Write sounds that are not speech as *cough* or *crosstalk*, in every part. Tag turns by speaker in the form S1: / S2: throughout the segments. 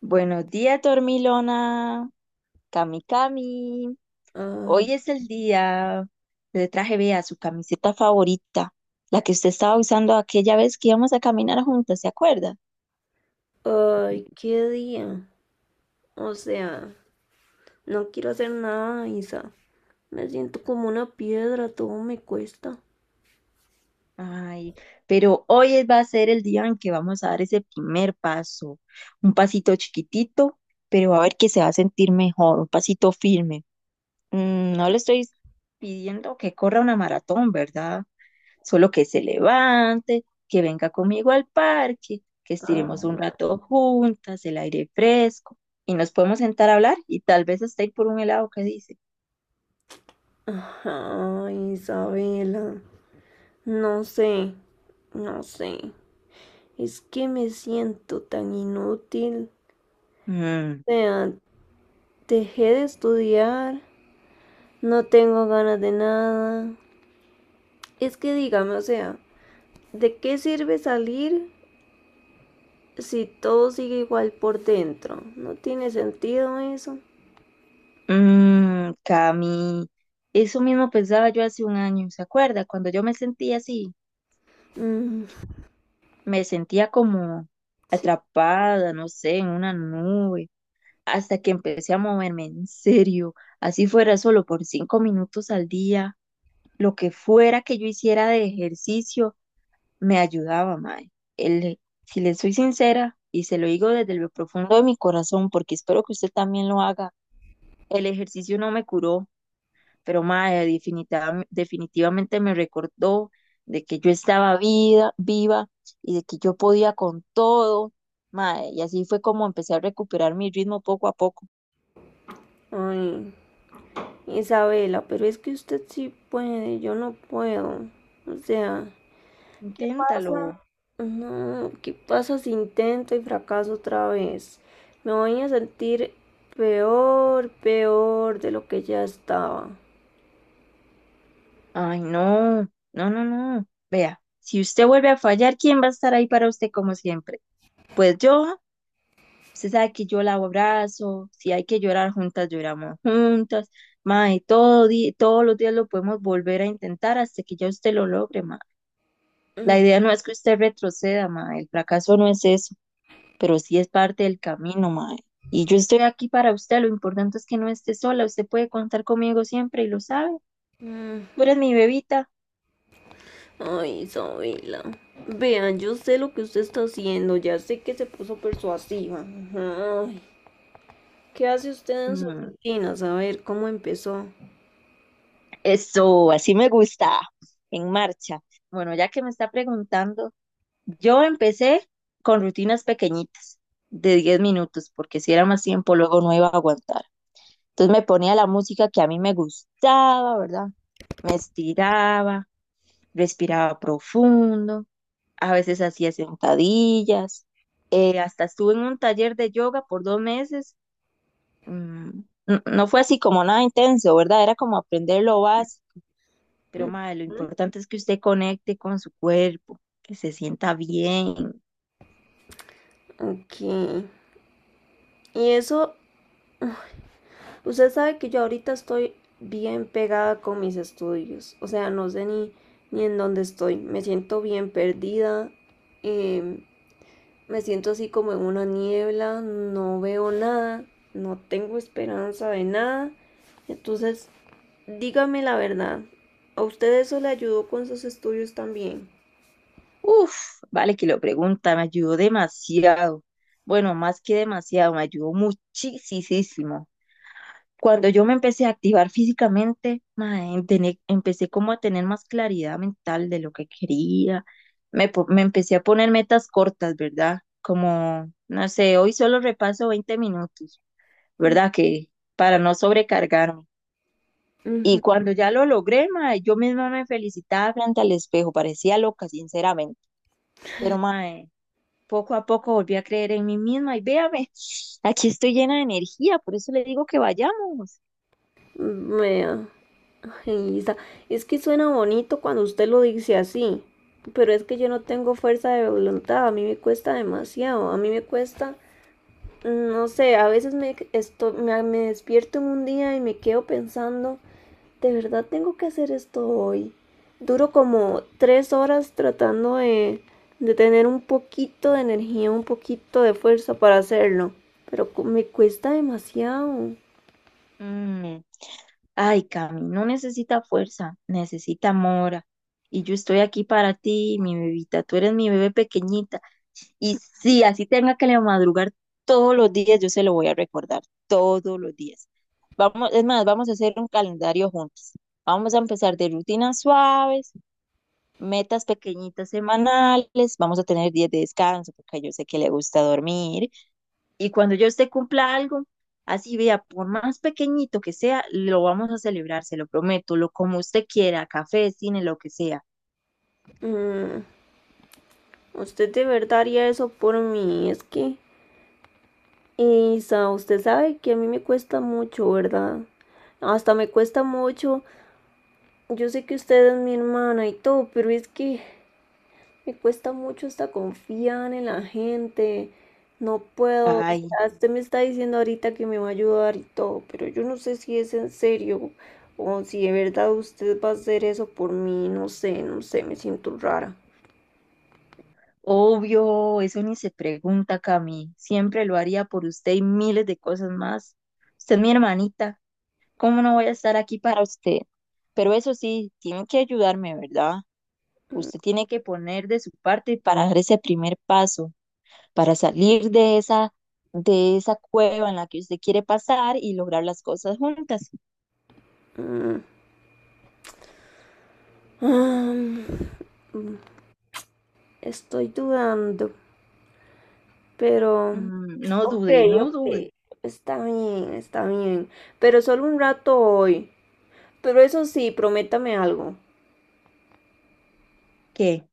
S1: Buenos días, Dormilona, Cami Cami.
S2: Ah,
S1: Hoy es el día. Le traje, vea, su camiseta favorita, la que usted estaba usando aquella vez que íbamos a caminar juntas, ¿se acuerda?
S2: ay, qué día. O sea, no quiero hacer nada, Isa. Me siento como una piedra, todo me cuesta.
S1: Ay, pero va a ser el día en que vamos a dar ese primer paso. Un pasito chiquitito, pero va a ver que se va a sentir mejor, un pasito firme. No le estoy pidiendo que corra una maratón, ¿verdad? Solo que se levante, que venga conmigo al parque, que estiremos
S2: Ah,
S1: un rato juntas, el aire fresco, y nos podemos sentar a hablar y tal vez hasta ir por un helado que dice.
S2: ajá, Isabela. No sé, no sé. Es que me siento tan inútil. O
S1: Mmm,
S2: sea, dejé de estudiar, no tengo ganas de nada. Es que dígame, o sea, ¿de qué sirve salir si todo sigue igual por dentro? No tiene sentido eso.
S1: Cami, eso mismo pensaba yo hace un año, ¿se acuerda? Cuando yo me sentía así,
S2: Mm,
S1: me sentía como
S2: sí.
S1: atrapada, no sé, en una nube, hasta que empecé a moverme en serio, así fuera solo por 5 minutos al día, lo que fuera que yo hiciera de ejercicio me ayudaba, mae. El, si le soy sincera, y se lo digo desde lo profundo de mi corazón, porque espero que usted también lo haga, el ejercicio no me curó, pero mae, definitivamente me recordó de que yo estaba vida, viva y de que yo podía con todo, mae, y así fue como empecé a recuperar mi ritmo poco a poco.
S2: Ay, Isabela, pero es que usted sí puede, yo no puedo. O sea, ¿qué
S1: Inténtalo.
S2: pasa? No, ¿qué pasa si intento y fracaso otra vez? Me voy a sentir peor, peor de lo que ya estaba.
S1: Ay, no, no, no, no. Vea, si usted vuelve a fallar, ¿quién va a estar ahí para usted como siempre? Pues yo, usted sabe que yo la abrazo, si hay que llorar juntas, lloramos juntas, mae, todos los días lo podemos volver a intentar hasta que ya usted lo logre, mae. La idea no es que usted retroceda, mae, el fracaso no es eso, pero sí es parte del camino, mae. Y yo estoy aquí para usted, lo importante es que no esté sola, usted puede contar conmigo siempre y lo sabe.
S2: Mm,
S1: Tú eres mi bebita.
S2: ay, Isabela. Vean, yo sé lo que usted está haciendo, ya sé que se puso persuasiva. Ay, ¿qué hace usted en su
S1: Mm,
S2: rutina? A ver, ¿cómo empezó?
S1: Eso, así me gusta, en marcha. Bueno, ya que me está preguntando, yo empecé con rutinas pequeñitas de 10 minutos, porque si era más tiempo, luego no iba a aguantar. Entonces me ponía la música que a mí me gustaba, ¿verdad? Me estiraba, respiraba profundo, a veces hacía sentadillas, hasta estuve en un taller de yoga por 2 meses. mm, no fue así como nada intenso, ¿verdad? Era como aprender lo básico, pero madre, lo importante es que usted conecte con su cuerpo, que se sienta bien.
S2: Ok. Y eso, usted sabe que yo ahorita estoy bien pegada con mis estudios. O sea, no sé ni en dónde estoy. Me siento bien perdida. em, Me siento así como en una niebla. No veo nada. No tengo esperanza de nada. Entonces, dígame la verdad. ¿A usted eso le ayudó con sus estudios también?
S1: Uf, vale que lo pregunta, me ayudó demasiado. Bueno, más que demasiado, me ayudó muchísimo. Cuando yo me empecé a activar físicamente, mae, empecé como a tener más claridad mental de lo que quería. Me empecé a poner metas cortas, ¿verdad? Como, no sé, hoy solo repaso 20 minutos,
S2: Mm,
S1: ¿verdad? Que para no sobrecargarme.
S2: ujú.
S1: Y cuando ya lo logré, mae, yo misma me felicitaba frente al espejo, parecía loca, sinceramente. Pero, mae, poco a poco volví a creer en mí misma y véame, aquí estoy llena de energía, por eso le digo que vayamos.
S2: Vea. Ay, Isa, es que suena bonito cuando usted lo dice así, pero es que yo no tengo fuerza de voluntad, a mí me cuesta demasiado, a mí me cuesta, no sé, a veces me despierto en un día y me quedo pensando, ¿de verdad tengo que hacer esto hoy? Duro como tres horas de tener un poquito de energía, un poquito de fuerza para hacerlo, pero me cuesta demasiado.
S1: Mm, Ay, Cami, no necesita fuerza, necesita mora. Y yo estoy aquí para ti, mi bebita, tú eres mi bebé pequeñita. Y sí, así tenga que le madrugar todos los días, yo se lo voy a recordar todos los días. Vamos, es más, vamos a hacer un calendario juntos. Vamos a empezar de rutinas suaves, metas pequeñitas semanales, vamos a tener días de descanso, porque yo sé que le gusta dormir, y cuando yo usted cumpla algo, así vea, por más pequeñito que sea, lo vamos a celebrar, se lo prometo, lo como usted quiera, café, cine, lo que sea.
S2: Mm, usted de verdad haría eso por mí, es que... Y, Isa, usted sabe que a mí me cuesta mucho, ¿verdad? Hasta me cuesta mucho. Yo sé que usted es mi hermana y todo, pero es que me cuesta mucho hasta confiar en la gente. No puedo. O
S1: Ay,
S2: sea, usted me está diciendo ahorita que me va a ayudar y todo, pero yo no sé si es en serio o si de verdad usted va a hacer eso por mí. No sé, me siento rara.
S1: obvio, eso ni se pregunta, Cami, siempre lo haría por usted y miles de cosas más. Usted es mi hermanita, ¿cómo no voy a estar aquí para usted? Pero eso sí, tiene que ayudarme, ¿verdad? Usted tiene que poner de su parte para dar ese primer paso, para salir de esa cueva en la que usted quiere pasar y lograr las cosas juntas.
S2: Ah, estoy dudando. Pero,
S1: No
S2: ok,
S1: dude, no
S2: ok,
S1: dude.
S2: está bien, está bien. Pero solo un rato hoy. Pero eso sí, prométame algo.
S1: ¿Qué?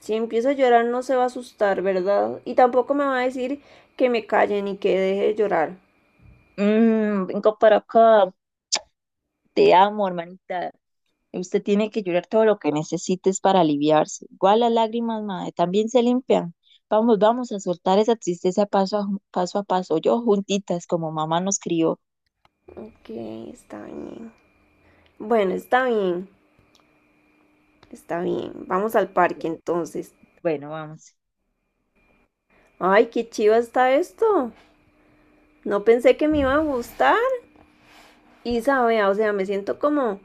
S2: Si empieza a llorar no se va a asustar, ¿verdad? Y tampoco me va a decir que me calle ni que deje de llorar.
S1: Vengo para acá. Te amo, hermanita. Usted tiene que llorar todo lo que necesites para aliviarse. Igual las lágrimas, madre, también se limpian. Vamos, vamos a soltar esa tristeza paso a paso, a paso yo juntitas, como mamá nos crió.
S2: Ok, está bien. Bueno, está bien, está bien. Vamos al parque entonces.
S1: Bueno, vamos.
S2: Ay, qué chiva está esto. No pensé que me iba a gustar. Y sabe, o sea,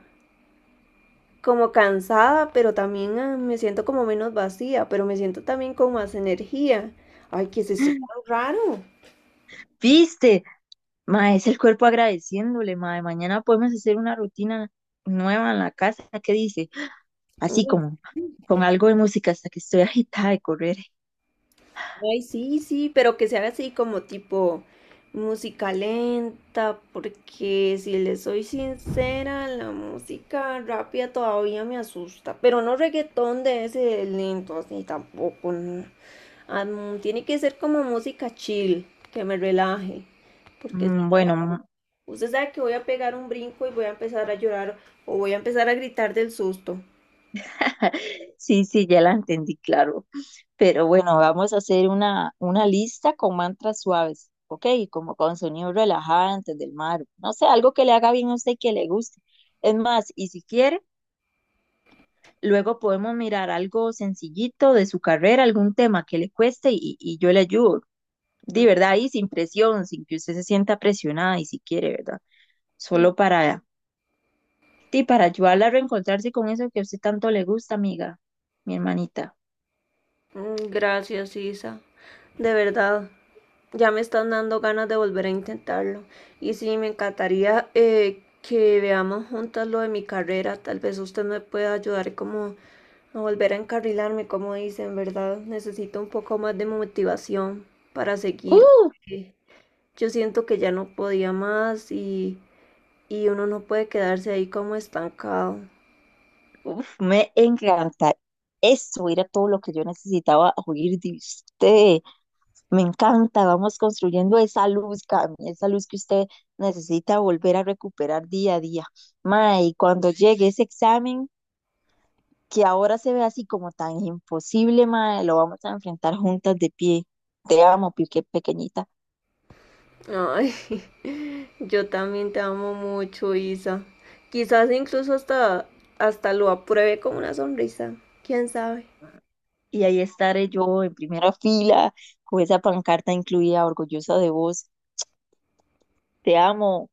S2: como cansada, pero también ah, me siento como menos vacía, pero me siento también con más energía. Ay, ¿qué es esto tan raro?
S1: ¿Viste? Ma, es el cuerpo agradeciéndole, ma. Mañana podemos hacer una rutina nueva en la casa, ¿qué dice? Así
S2: Uy,
S1: como con algo de música hasta que estoy *laughs* agitada de correr.
S2: ay, sí, sí, pero que sea así como tipo música lenta, porque si le soy sincera, la música rápida todavía me asusta, pero no reggaetón de ese lento así tampoco. No. Ah, mm, tiene que ser como música chill, que me relaje, porque
S1: Bueno,
S2: usted sabe que voy a pegar un brinco y voy a empezar a llorar o voy a empezar a gritar del susto.
S1: *laughs* sí, sí, ya la entendí, claro. Pero bueno, vamos a hacer una lista con mantras suaves, ¿ok? Como con sonidos relajantes del mar. No sé, algo que le haga bien a usted y que le guste. Es más, y si quiere, luego podemos mirar algo sencillito de su carrera, algún tema que le cueste y yo le ayudo. De verdad, y sin presión, sin que usted se sienta presionada y si quiere, ¿verdad? Solo para, sí, para ayudarla a reencontrarse con eso que a usted tanto le gusta, amiga, mi hermanita.
S2: Mm, gracias, Isa. De verdad, ya me están dando ganas de volver a intentarlo. Y sí, me encantaría que veamos juntas lo de mi carrera. Tal vez usted me pueda ayudar como a volver a encarrilarme, como dicen, ¿verdad? Necesito un poco más de motivación para seguir.
S1: ¡Uh!
S2: Porque yo siento que ya no podía más y uno no puede quedarse ahí como estancado.
S1: Uf, me encanta. Eso era todo lo que yo necesitaba oír de usted. Me encanta. Vamos construyendo esa luz, Cami, esa luz que usted necesita volver a recuperar día a día. Mae, y cuando llegue ese examen, que ahora se ve así como tan imposible, mae, lo vamos a enfrentar juntas de pie. Te amo, pique pequeñita.
S2: Ay, *laughs* yo también te amo mucho, Isa. Quizás incluso hasta lo apruebe con una sonrisa. ¿Quién sabe?
S1: Y ahí estaré yo en primera fila con esa pancarta incluida, orgullosa de vos. Te amo.